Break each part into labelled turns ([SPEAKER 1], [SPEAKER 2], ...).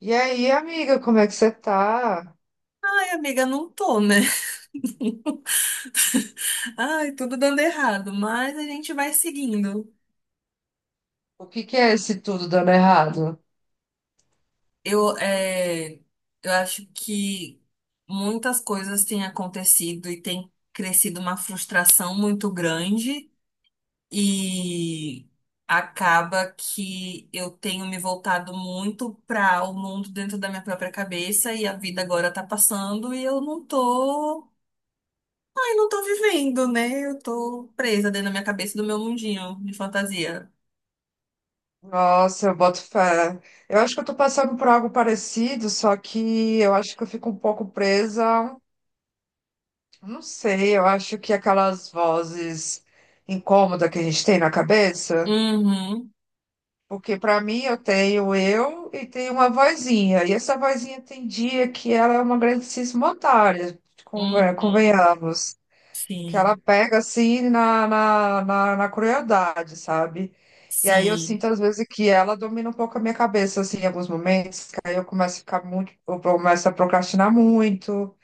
[SPEAKER 1] E aí, amiga, como é que você tá?
[SPEAKER 2] Ai, amiga, não tô, né? Ai, tudo dando errado, mas a gente vai seguindo.
[SPEAKER 1] O que que é esse tudo dando errado?
[SPEAKER 2] Eu, é, eu acho que muitas coisas têm acontecido e tem crescido uma frustração muito grande e acaba que eu tenho me voltado muito para o mundo dentro da minha própria cabeça e a vida agora tá passando e eu não tô. Ai, não tô vivendo, né? Eu tô presa dentro da minha cabeça do meu mundinho de fantasia.
[SPEAKER 1] Nossa, eu boto fé. Eu acho que eu tô passando por algo parecido, só que eu acho que eu fico um pouco presa. Não sei, eu acho que aquelas vozes incômodas que a gente tem na cabeça,
[SPEAKER 2] Uhum,
[SPEAKER 1] porque pra mim eu tenho eu e tenho uma vozinha, e essa vozinha tem dia que ela é uma grandíssima otária,
[SPEAKER 2] uhum,
[SPEAKER 1] convenhamos. Que ela
[SPEAKER 2] sim,
[SPEAKER 1] pega assim na crueldade, sabe? E aí eu
[SPEAKER 2] sim,
[SPEAKER 1] sinto às vezes que ela domina um pouco a minha cabeça, assim, em alguns momentos, que aí eu começo a ficar muito, eu começo a procrastinar muito,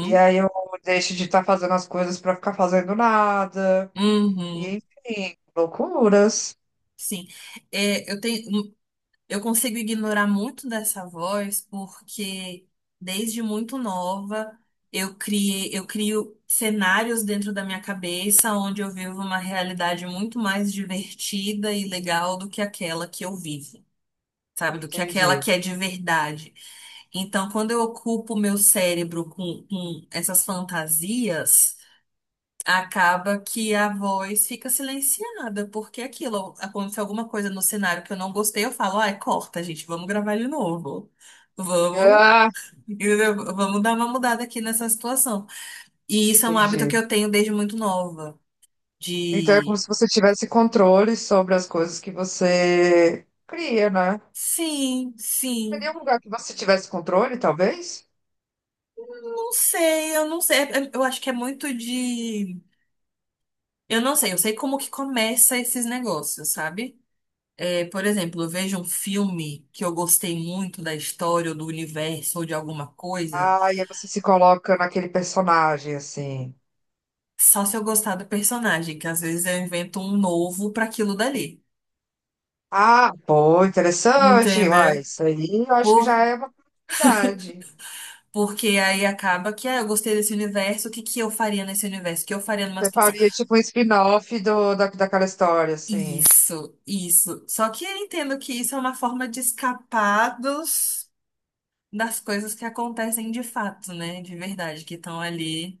[SPEAKER 1] e aí eu deixo de estar fazendo as coisas para ficar fazendo nada,
[SPEAKER 2] uhum,
[SPEAKER 1] e enfim, loucuras.
[SPEAKER 2] sim. É, eu consigo ignorar muito dessa voz porque desde muito nova eu crio cenários dentro da minha cabeça onde eu vivo uma realidade muito mais divertida e legal do que aquela que eu vivo, sabe? Do que aquela
[SPEAKER 1] Entendi.
[SPEAKER 2] que é de verdade. Então, quando eu ocupo o meu cérebro com essas fantasias, acaba que a voz fica silenciada, porque é aquilo, acontece alguma coisa no cenário que eu não gostei, eu falo, ai, corta, gente, vamos gravar de novo. Vamos,
[SPEAKER 1] Ah,
[SPEAKER 2] entendeu? Vamos dar uma mudada aqui nessa situação. E isso é um hábito que
[SPEAKER 1] entendi.
[SPEAKER 2] eu tenho desde muito nova.
[SPEAKER 1] Então é como
[SPEAKER 2] De
[SPEAKER 1] se você tivesse controle sobre as coisas que você cria, né?
[SPEAKER 2] Sim,
[SPEAKER 1] Seria
[SPEAKER 2] sim.
[SPEAKER 1] um lugar que você tivesse controle, talvez?
[SPEAKER 2] Não sei, eu não sei. Eu acho que é muito de. Eu não sei, eu sei como que começa esses negócios, sabe? É, por exemplo, eu vejo um filme que eu gostei muito da história ou do universo ou de alguma coisa,
[SPEAKER 1] Ah, e aí você se coloca naquele personagem, assim.
[SPEAKER 2] só se eu gostar do personagem, que às vezes eu invento um novo para aquilo dali.
[SPEAKER 1] Ah, pô, interessante. Uai,
[SPEAKER 2] Entendeu?
[SPEAKER 1] isso aí eu acho que já
[SPEAKER 2] Por,
[SPEAKER 1] é uma possibilidade.
[SPEAKER 2] porque aí acaba que, ah, eu gostei desse universo, o que que eu faria nesse universo? O que eu faria numa
[SPEAKER 1] Você
[SPEAKER 2] situação?
[SPEAKER 1] faria tipo um spin-off daquela história, assim.
[SPEAKER 2] Isso, isso. Só que eu entendo que isso é uma forma de escapar dos das coisas que acontecem de fato, né? De verdade, que estão ali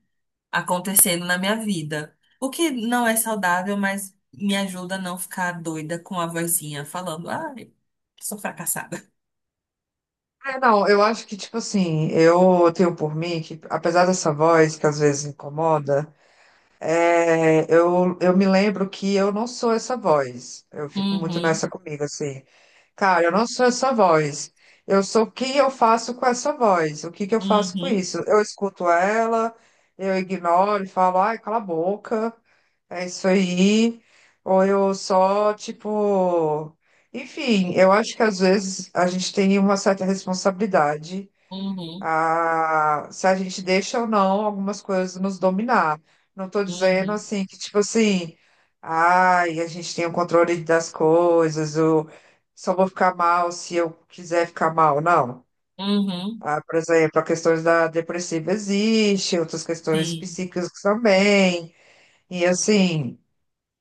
[SPEAKER 2] acontecendo na minha vida. O que não é saudável, mas me ajuda a não ficar doida com a vozinha falando, ai, sou fracassada.
[SPEAKER 1] É, não, eu acho que, tipo assim, eu tenho por mim que, apesar dessa voz que às vezes incomoda, é, eu me lembro que eu não sou essa voz. Eu fico muito
[SPEAKER 2] Uhum,
[SPEAKER 1] nessa comigo, assim. Cara, eu não sou essa voz. Eu sou o que eu faço com essa voz. O que que eu faço com
[SPEAKER 2] uhum,
[SPEAKER 1] isso? Eu escuto ela, eu ignoro e falo, ai, cala a boca, é isso aí. Ou eu só, tipo. Enfim, eu acho que às vezes a gente tem uma certa responsabilidade,
[SPEAKER 2] uhum,
[SPEAKER 1] se a gente deixa ou não algumas coisas nos dominar. Não estou dizendo
[SPEAKER 2] uhum,
[SPEAKER 1] assim que, tipo assim, ai, a gente tem o controle das coisas, ou só vou ficar mal se eu quiser ficar mal, não.
[SPEAKER 2] uhum,
[SPEAKER 1] Ah, por exemplo, a questão da depressiva existe, outras questões
[SPEAKER 2] sim.
[SPEAKER 1] psíquicas também. E assim,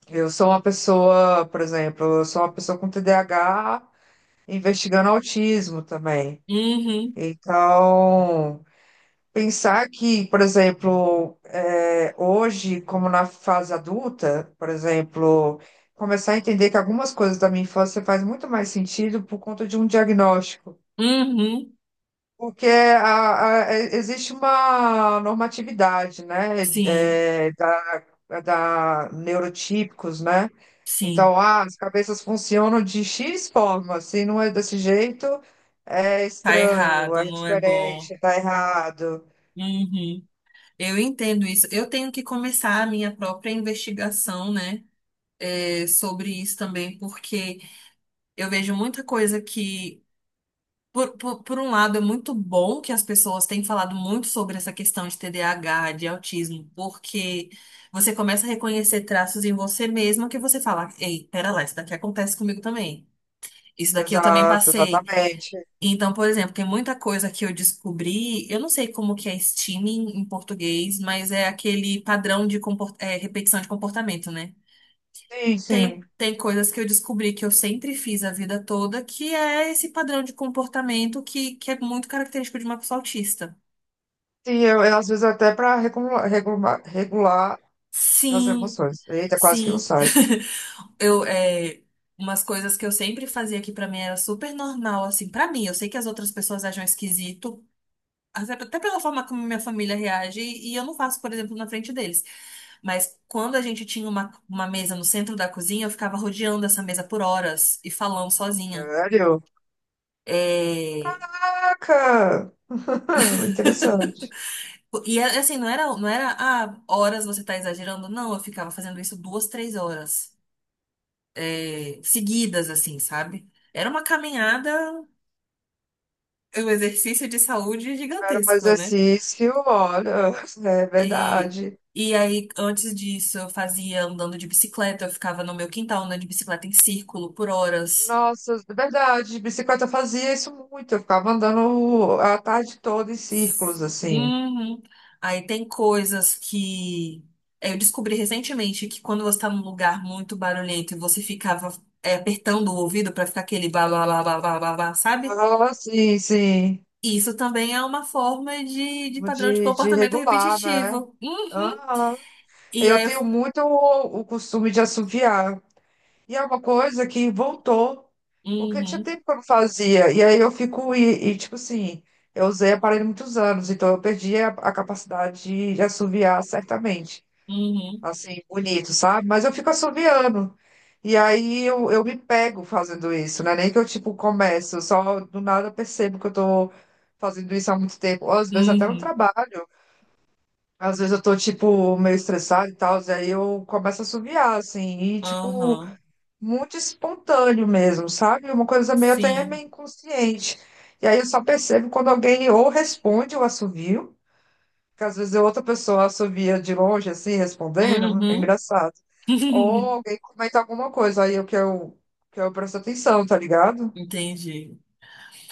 [SPEAKER 1] eu sou uma pessoa, por exemplo, eu sou uma pessoa com TDAH investigando autismo também.
[SPEAKER 2] Uhum,
[SPEAKER 1] Então, pensar que, por exemplo, hoje, como na fase adulta, por exemplo, começar a entender que algumas coisas da minha infância faz muito mais sentido por conta de um diagnóstico.
[SPEAKER 2] uhum,
[SPEAKER 1] Porque é, existe uma normatividade, né,
[SPEAKER 2] sim,
[SPEAKER 1] é da neurotípicos, né?
[SPEAKER 2] sim.
[SPEAKER 1] Então, ah, as cabeças funcionam de X forma, se não é desse jeito, é
[SPEAKER 2] Tá
[SPEAKER 1] estranho,
[SPEAKER 2] errado,
[SPEAKER 1] é
[SPEAKER 2] não é bom.
[SPEAKER 1] diferente, tá errado.
[SPEAKER 2] Uhum. Eu entendo isso. Eu tenho que começar a minha própria investigação, né? Sobre isso também, porque eu vejo muita coisa que, por um lado, é muito bom que as pessoas têm falado muito sobre essa questão de TDAH, de autismo, porque você começa a reconhecer traços em você mesma que você fala, ei, pera lá, isso daqui acontece comigo também. Isso daqui eu também
[SPEAKER 1] Exato,
[SPEAKER 2] passei.
[SPEAKER 1] exatamente.
[SPEAKER 2] Então, por exemplo, tem muita coisa que eu descobri, eu não sei como que é steaming em português, mas é aquele padrão de repetição de comportamento, né?
[SPEAKER 1] Sim, sim.
[SPEAKER 2] Tem coisas que eu descobri que eu sempre fiz a vida toda, que é esse padrão de comportamento que é muito característico de uma pessoa autista.
[SPEAKER 1] Sim, às vezes até para regular as
[SPEAKER 2] Sim,
[SPEAKER 1] emoções. Eita, quase que não
[SPEAKER 2] sim.
[SPEAKER 1] sai.
[SPEAKER 2] Eu, é, umas coisas que eu sempre fazia que pra mim era super normal, assim, pra mim. Eu sei que as outras pessoas acham esquisito, até pela forma como minha família reage, e eu não faço, por exemplo, na frente deles. Mas quando a gente tinha uma mesa no centro da cozinha, eu ficava rodeando essa mesa por horas e falando sozinha.
[SPEAKER 1] Sério?
[SPEAKER 2] É,
[SPEAKER 1] Caraca! Interessante.
[SPEAKER 2] é assim, não era, ah, horas você tá exagerando. Não, eu ficava fazendo isso 2, 3 horas, seguidas, assim, sabe? Era uma caminhada, um exercício de saúde
[SPEAKER 1] Era um
[SPEAKER 2] gigantesco, né?
[SPEAKER 1] exercício, olha, é
[SPEAKER 2] E,
[SPEAKER 1] verdade.
[SPEAKER 2] e aí, antes disso, eu fazia andando de bicicleta, eu ficava no meu quintal andando de bicicleta em círculo por horas.
[SPEAKER 1] Nossa, é verdade, de bicicleta eu fazia isso muito. Eu ficava andando a tarde toda em círculos, assim.
[SPEAKER 2] Uhum. Aí tem coisas que eu descobri recentemente que quando você tá num lugar muito barulhento e você ficava apertando o ouvido pra ficar aquele blá blá blá blá blá blá, blá, sabe?
[SPEAKER 1] Ah, sim, sim.
[SPEAKER 2] Isso também é uma forma de padrão de
[SPEAKER 1] De
[SPEAKER 2] comportamento
[SPEAKER 1] regular, né?
[SPEAKER 2] repetitivo. Uhum.
[SPEAKER 1] Aham.
[SPEAKER 2] E
[SPEAKER 1] Eu
[SPEAKER 2] aí eu.
[SPEAKER 1] tenho muito o costume de assoviar. E é uma coisa que voltou, porque tinha
[SPEAKER 2] Uhum,
[SPEAKER 1] tempo que eu não fazia. E aí eu fico, tipo assim, eu usei aparelho muitos anos, então eu perdi a capacidade de assoviar certamente.
[SPEAKER 2] uhum,
[SPEAKER 1] Assim, bonito, sabe? Mas eu fico assoviando. E aí eu me pego fazendo isso, não é nem que eu, tipo, começo, só do nada eu percebo que eu tô fazendo isso há muito tempo. Ou às vezes até no
[SPEAKER 2] uhum,
[SPEAKER 1] trabalho. Às vezes eu tô, tipo, meio estressada e tal, e aí eu começo a assoviar, assim, e, tipo,
[SPEAKER 2] aham,
[SPEAKER 1] muito espontâneo mesmo, sabe? Uma coisa meio até
[SPEAKER 2] sim,
[SPEAKER 1] meio inconsciente. E aí eu só percebo quando alguém ou responde o assovio, que às vezes outra pessoa assovia de longe, assim, respondendo, é
[SPEAKER 2] uhum.
[SPEAKER 1] engraçado. Ou alguém comenta alguma coisa, aí que eu presto atenção, tá ligado?
[SPEAKER 2] Entendi.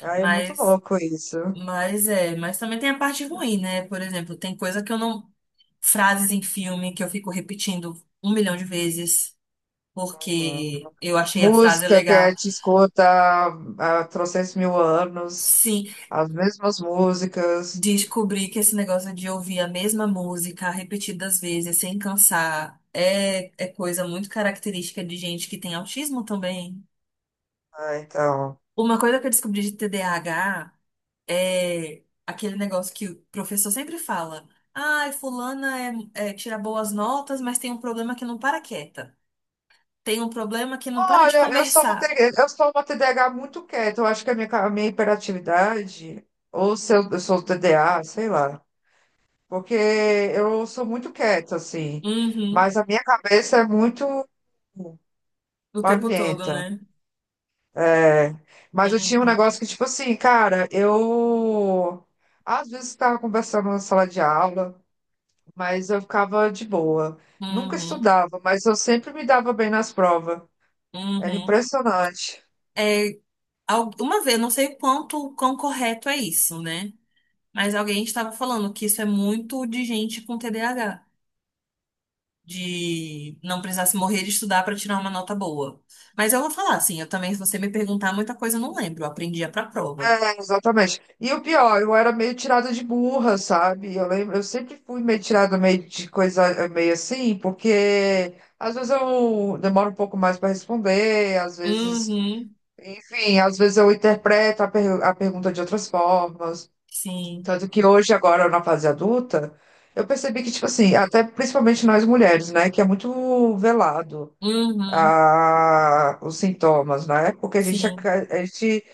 [SPEAKER 1] Aí é muito
[SPEAKER 2] Mas.
[SPEAKER 1] louco isso.
[SPEAKER 2] Mas também tem a parte ruim, né? Por exemplo, tem coisa que eu não. Frases em filme que eu fico repetindo um milhão de vezes,
[SPEAKER 1] Uhum.
[SPEAKER 2] porque eu achei a frase
[SPEAKER 1] Música
[SPEAKER 2] legal.
[SPEAKER 1] que te escuta há trocentos mil anos.
[SPEAKER 2] Sim,
[SPEAKER 1] As mesmas músicas.
[SPEAKER 2] descobri que esse negócio de ouvir a mesma música repetidas vezes, sem cansar, é coisa muito característica de gente que tem autismo também.
[SPEAKER 1] Ah, então.
[SPEAKER 2] Uma coisa que eu descobri de TDAH. É aquele negócio que o professor sempre fala. Ai, fulana tira boas notas, mas tem um problema que não para quieta. Tem um problema que não para de
[SPEAKER 1] Olha, eu sou uma,
[SPEAKER 2] conversar.
[SPEAKER 1] TD eu sou uma TDAH muito quieta. Eu acho que a minha hiperatividade, ou se eu sou TDA, sei lá. Porque eu sou muito quieta, assim.
[SPEAKER 2] Uhum.
[SPEAKER 1] Mas a minha cabeça é muito
[SPEAKER 2] O tempo todo,
[SPEAKER 1] barulhenta.
[SPEAKER 2] né?
[SPEAKER 1] É. Mas eu tinha um
[SPEAKER 2] Uhum.
[SPEAKER 1] negócio que, tipo assim, cara, eu. Às vezes estava conversando na sala de aula, mas eu ficava de boa. Nunca
[SPEAKER 2] Uhum.
[SPEAKER 1] estudava, mas eu sempre me dava bem nas provas. Era
[SPEAKER 2] Uhum.
[SPEAKER 1] impressionante.
[SPEAKER 2] É, uma vez, eu não sei o quanto, o quão correto é isso, né? Mas alguém estava falando que isso é muito de gente com TDAH, de não precisasse morrer de estudar para tirar uma nota boa. Mas eu vou falar assim, eu também, se você me perguntar muita coisa, eu não lembro, eu aprendia para prova.
[SPEAKER 1] É, exatamente. E o pior, eu era meio tirada de burra, sabe? Eu lembro, eu sempre fui meio tirada meio de coisa, meio assim, porque às vezes eu demoro um pouco mais para responder, às vezes,
[SPEAKER 2] Uhum,
[SPEAKER 1] enfim, às vezes eu interpreto a pergunta de outras formas.
[SPEAKER 2] sim.
[SPEAKER 1] Tanto que hoje, agora na fase adulta, eu percebi que, tipo assim, até principalmente nós mulheres, né, que é muito velado.
[SPEAKER 2] Uhum,
[SPEAKER 1] Os sintomas, né? Porque
[SPEAKER 2] sim.
[SPEAKER 1] a gente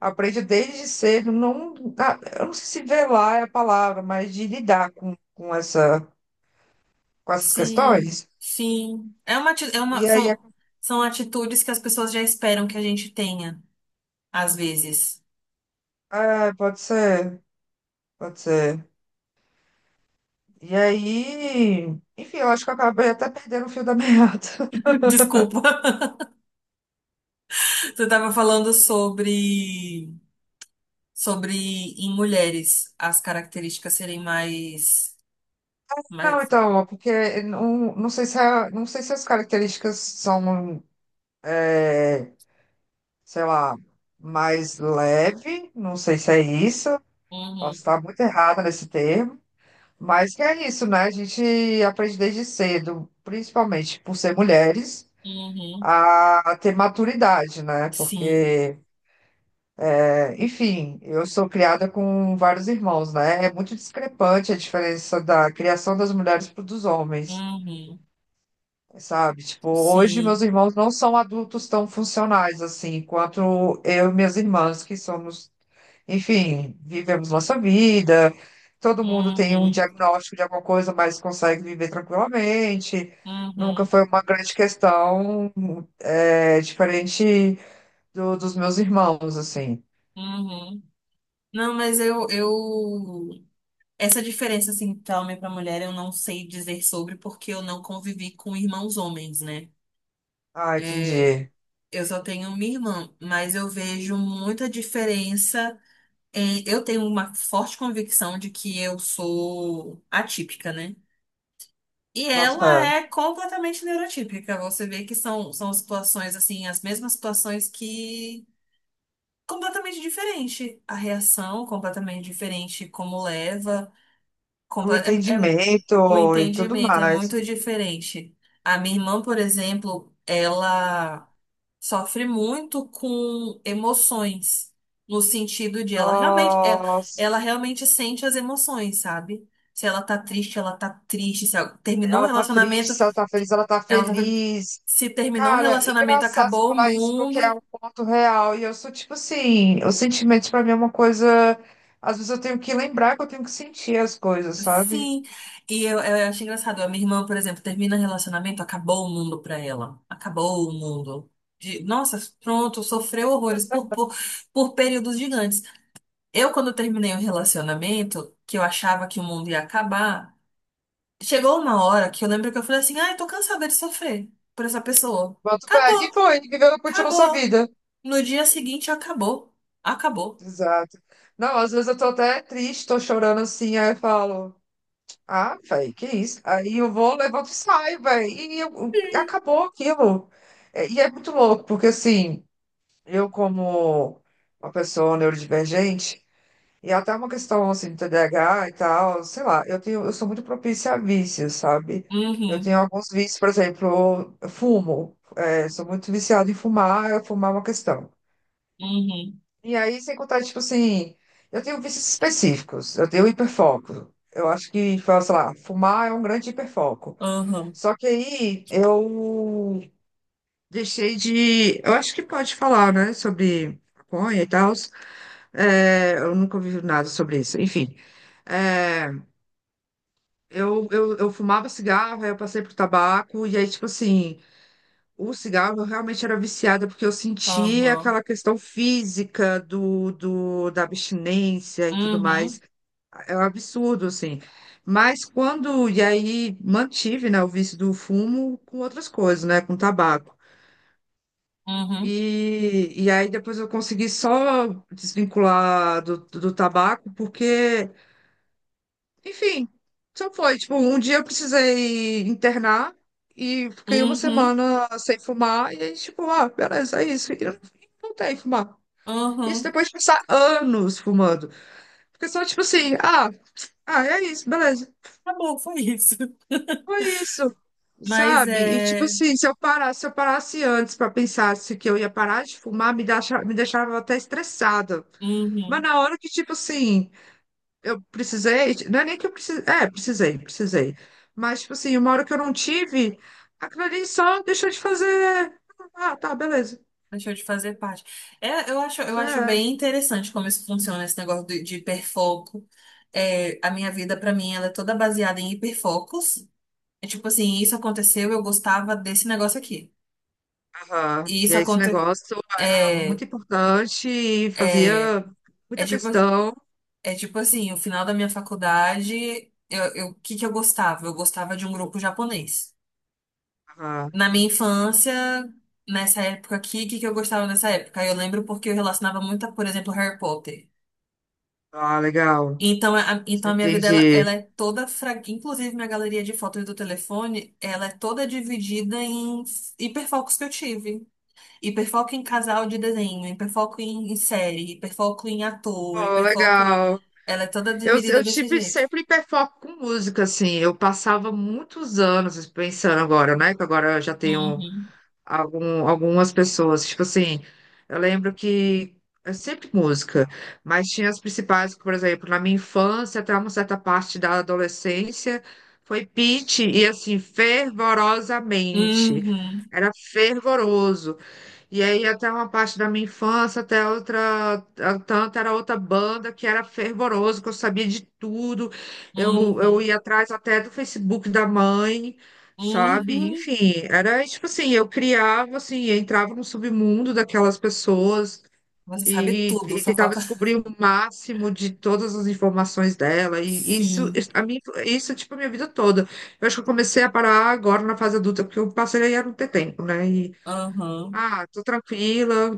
[SPEAKER 1] aprende desde cedo, não, eu não sei se velar é a palavra, mas de lidar com essa, com essas
[SPEAKER 2] Sim.
[SPEAKER 1] questões.
[SPEAKER 2] Sim. É uma, ati- é uma
[SPEAKER 1] E aí,
[SPEAKER 2] são são atitudes que as pessoas já esperam que a gente tenha, às vezes.
[SPEAKER 1] é, pode ser, pode ser. E aí, enfim, eu acho que eu acabei até perdendo o fio da meada.
[SPEAKER 2] Desculpa. Você estava falando sobre em mulheres as características serem mais
[SPEAKER 1] Não,
[SPEAKER 2] mais
[SPEAKER 1] então, porque não, não sei se a- não sei se as características são, sei lá, mais leve, não sei se é isso, posso
[SPEAKER 2] Uhum,
[SPEAKER 1] estar muito errada nesse termo. Mas que é isso, né? A gente aprende desde cedo, principalmente por ser mulheres,
[SPEAKER 2] uhum,
[SPEAKER 1] a ter maturidade, né?
[SPEAKER 2] sim.
[SPEAKER 1] Porque, é, enfim, eu sou criada com vários irmãos, né? É muito discrepante a diferença da criação das mulheres para dos homens.
[SPEAKER 2] Uhum,
[SPEAKER 1] Sabe, tipo, hoje meus
[SPEAKER 2] sim.
[SPEAKER 1] irmãos não são adultos tão funcionais assim, quanto eu e minhas irmãs, que somos, enfim, vivemos nossa vida, todo mundo tem um
[SPEAKER 2] Uhum,
[SPEAKER 1] diagnóstico de alguma coisa, mas consegue viver tranquilamente. Nunca
[SPEAKER 2] uhum,
[SPEAKER 1] foi uma grande questão, é, diferente dos meus irmãos, assim.
[SPEAKER 2] uhum. Não, mas Essa diferença, assim, pra homem e pra mulher, eu não sei dizer sobre porque eu não convivi com irmãos homens, né?
[SPEAKER 1] Ah,
[SPEAKER 2] É,
[SPEAKER 1] entendi.
[SPEAKER 2] eu só tenho minha irmã, mas eu vejo muita diferença Eu tenho uma forte convicção de que eu sou atípica, né? E
[SPEAKER 1] Bota
[SPEAKER 2] ela
[SPEAKER 1] pra...
[SPEAKER 2] é completamente neurotípica. Você vê que são situações, assim, as mesmas situações que completamente diferente. A reação completamente diferente, como leva,
[SPEAKER 1] O
[SPEAKER 2] comple- é- é- o
[SPEAKER 1] entendimento e tudo
[SPEAKER 2] entendimento é
[SPEAKER 1] mais.
[SPEAKER 2] muito diferente. A minha irmã, por exemplo, ela sofre muito com emoções, no sentido de ela realmente, é-
[SPEAKER 1] Nossa.
[SPEAKER 2] ela realmente sente as emoções, sabe? Se ela tá triste, ela tá triste. Se ela terminou um
[SPEAKER 1] Ela tá triste,
[SPEAKER 2] relacionamento,
[SPEAKER 1] se ela tá feliz, ela tá
[SPEAKER 2] ela tá.
[SPEAKER 1] feliz.
[SPEAKER 2] Se terminou um
[SPEAKER 1] Cara, é
[SPEAKER 2] relacionamento,
[SPEAKER 1] engraçado você
[SPEAKER 2] acabou o
[SPEAKER 1] falar isso porque é
[SPEAKER 2] mundo.
[SPEAKER 1] um ponto real. E eu sou tipo assim, os sentimentos pra mim é uma coisa. Às vezes eu tenho que lembrar que eu tenho que sentir as coisas, sabe?
[SPEAKER 2] Sim, e eu acho engraçado. A minha irmã, por exemplo, termina relacionamento, acabou o mundo pra ela. Acabou o mundo. Nossa, pronto, sofreu horrores por períodos gigantes. Eu, quando terminei o relacionamento, que eu achava que o mundo ia acabar, chegou uma hora que eu lembro que eu falei assim: ai, tô cansada de sofrer por essa pessoa.
[SPEAKER 1] Bota o pé. E
[SPEAKER 2] Acabou,
[SPEAKER 1] foi, viveu, continuou sua
[SPEAKER 2] acabou.
[SPEAKER 1] vida.
[SPEAKER 2] No dia seguinte, acabou. Acabou.
[SPEAKER 1] Exato. Não, às vezes eu tô até triste, tô chorando assim, aí eu falo, ah, velho, que isso? Aí eu vou, levanto e saio, velho. Acabou aquilo. É, e é muito louco, porque assim. Eu, como uma pessoa neurodivergente, e até uma questão assim de TDAH e tal, sei lá, eu sou muito propícia a vícios, sabe? Eu tenho
[SPEAKER 2] Uhum,
[SPEAKER 1] alguns vícios, por exemplo, eu fumo, é, sou muito viciada em fumar, eu fumar é uma questão.
[SPEAKER 2] uhum,
[SPEAKER 1] E aí, sem contar, tipo assim, eu tenho vícios específicos, eu tenho hiperfoco. Eu acho que, tipo, sei lá, fumar é um grande hiperfoco.
[SPEAKER 2] uhum,
[SPEAKER 1] Só que aí eu deixei de. Eu acho que pode falar, né, sobre maconha e tal. É, eu nunca ouvi nada sobre isso. Enfim, é, eu fumava cigarro, aí eu passei pro tabaco, e aí, tipo assim, o cigarro eu realmente era viciada, porque eu sentia
[SPEAKER 2] uhum,
[SPEAKER 1] aquela questão física da abstinência e tudo
[SPEAKER 2] uhum,
[SPEAKER 1] mais. É um absurdo, assim. Mas quando. E aí mantive, né, o vício do fumo com outras coisas, né, com tabaco.
[SPEAKER 2] uhum.
[SPEAKER 1] E aí depois eu consegui só desvincular do tabaco, porque. Enfim, só foi. Tipo, um dia eu precisei internar e fiquei uma
[SPEAKER 2] Uhum,
[SPEAKER 1] semana sem fumar. E aí, tipo, ah, beleza, é isso. E eu não voltei a fumar. Isso
[SPEAKER 2] uhum.
[SPEAKER 1] depois de passar anos fumando. Porque só, tipo assim, ah, é isso, beleza.
[SPEAKER 2] Tá bom, foi isso.
[SPEAKER 1] Foi isso.
[SPEAKER 2] Mas
[SPEAKER 1] Sabe? E tipo
[SPEAKER 2] é.
[SPEAKER 1] assim, se eu parasse antes para pensar se que eu ia parar de fumar, me deixava até estressada. Mas
[SPEAKER 2] Uhum.
[SPEAKER 1] na hora que, tipo assim, eu precisei, não é nem que eu precisei, é, precisei, precisei. Mas, tipo assim, uma hora que eu não tive, aquilo ali só deixou de fazer. Ah, tá, beleza.
[SPEAKER 2] Deixou de fazer parte. É, eu acho,
[SPEAKER 1] É,
[SPEAKER 2] bem interessante como isso funciona, esse negócio de hiperfoco. É, a minha vida, pra mim, ela é toda baseada em hiperfocos. É tipo assim, isso aconteceu, eu gostava desse negócio aqui.
[SPEAKER 1] aham.
[SPEAKER 2] E
[SPEAKER 1] E
[SPEAKER 2] isso
[SPEAKER 1] aí, esse
[SPEAKER 2] aconteceu.
[SPEAKER 1] negócio é
[SPEAKER 2] É,
[SPEAKER 1] muito importante e
[SPEAKER 2] é,
[SPEAKER 1] fazia
[SPEAKER 2] é
[SPEAKER 1] muita
[SPEAKER 2] tipo,
[SPEAKER 1] questão.
[SPEAKER 2] é tipo assim, o final da minha faculdade, o que que eu gostava? Eu gostava de um grupo japonês.
[SPEAKER 1] Ah.
[SPEAKER 2] Na minha infância, nessa época aqui, o que que eu gostava nessa época? Eu lembro porque eu relacionava muito, a, por exemplo, Harry Potter.
[SPEAKER 1] Ah, legal.
[SPEAKER 2] Então a minha vida, ela,
[SPEAKER 1] Entendi.
[SPEAKER 2] ela é toda, inclusive minha galeria de fotos do telefone, ela é toda dividida em hiperfocos que eu tive. Hiperfoco em casal de desenho, hiperfoco em série, hiperfoco em ator,
[SPEAKER 1] Oh,
[SPEAKER 2] hiperfoco.
[SPEAKER 1] legal.
[SPEAKER 2] Ela é toda
[SPEAKER 1] Eu,
[SPEAKER 2] dividida
[SPEAKER 1] eu
[SPEAKER 2] desse
[SPEAKER 1] tive
[SPEAKER 2] jeito.
[SPEAKER 1] sempre hiperfoco com música, assim. Eu passava muitos anos pensando agora, né? Que agora eu já tenho
[SPEAKER 2] Uhum.
[SPEAKER 1] algumas pessoas. Tipo assim, eu lembro que é sempre música, mas tinha as principais, que, por exemplo, na minha infância, até uma certa parte da adolescência, foi Pitty e assim, fervorosamente.
[SPEAKER 2] Uhum.
[SPEAKER 1] Era fervoroso. E aí até uma parte da minha infância, até outra, tanto era outra banda que era fervoroso, que eu sabia de tudo. Eu
[SPEAKER 2] Uhum.
[SPEAKER 1] ia atrás até do Facebook da mãe, sabe?
[SPEAKER 2] Uhum.
[SPEAKER 1] Enfim, era tipo assim, eu criava assim, eu entrava no submundo daquelas pessoas
[SPEAKER 2] Você sabe tudo,
[SPEAKER 1] e
[SPEAKER 2] só
[SPEAKER 1] tentava
[SPEAKER 2] falta.
[SPEAKER 1] descobrir o máximo de todas as informações dela. E
[SPEAKER 2] Sim.
[SPEAKER 1] a mim, isso tipo a minha vida toda. Eu acho que eu comecei a parar agora na fase adulta, porque eu passei a não ter tempo, né?
[SPEAKER 2] Aham.
[SPEAKER 1] Ah, tô tranquila,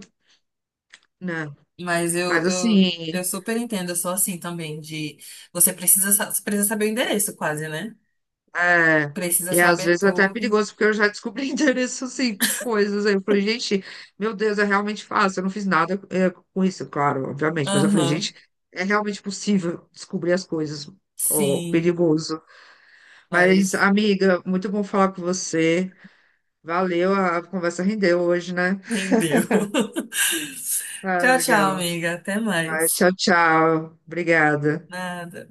[SPEAKER 1] né?
[SPEAKER 2] Mas eu,
[SPEAKER 1] Mas
[SPEAKER 2] eu,
[SPEAKER 1] assim,
[SPEAKER 2] eu super entendo, eu sou assim também, de você precisa saber o endereço quase, né?
[SPEAKER 1] é,
[SPEAKER 2] Precisa
[SPEAKER 1] e às
[SPEAKER 2] saber
[SPEAKER 1] vezes até é
[SPEAKER 2] tudo.
[SPEAKER 1] perigoso, porque eu já descobri endereço, assim, com coisas. Aí eu falei, gente, meu Deus, é realmente fácil. Eu não fiz nada é, com isso, claro, obviamente. Mas eu falei,
[SPEAKER 2] Aham.
[SPEAKER 1] gente, é realmente possível descobrir as coisas. Ó,
[SPEAKER 2] Sim,
[SPEAKER 1] perigoso. Mas,
[SPEAKER 2] mas
[SPEAKER 1] amiga, muito bom falar com você. Valeu, a conversa rendeu hoje, né?
[SPEAKER 2] rendeu.
[SPEAKER 1] Ah,
[SPEAKER 2] Tchau, tchau,
[SPEAKER 1] legal.
[SPEAKER 2] amiga. Até
[SPEAKER 1] Mas
[SPEAKER 2] mais.
[SPEAKER 1] tchau, tchau. Obrigada.
[SPEAKER 2] Nada.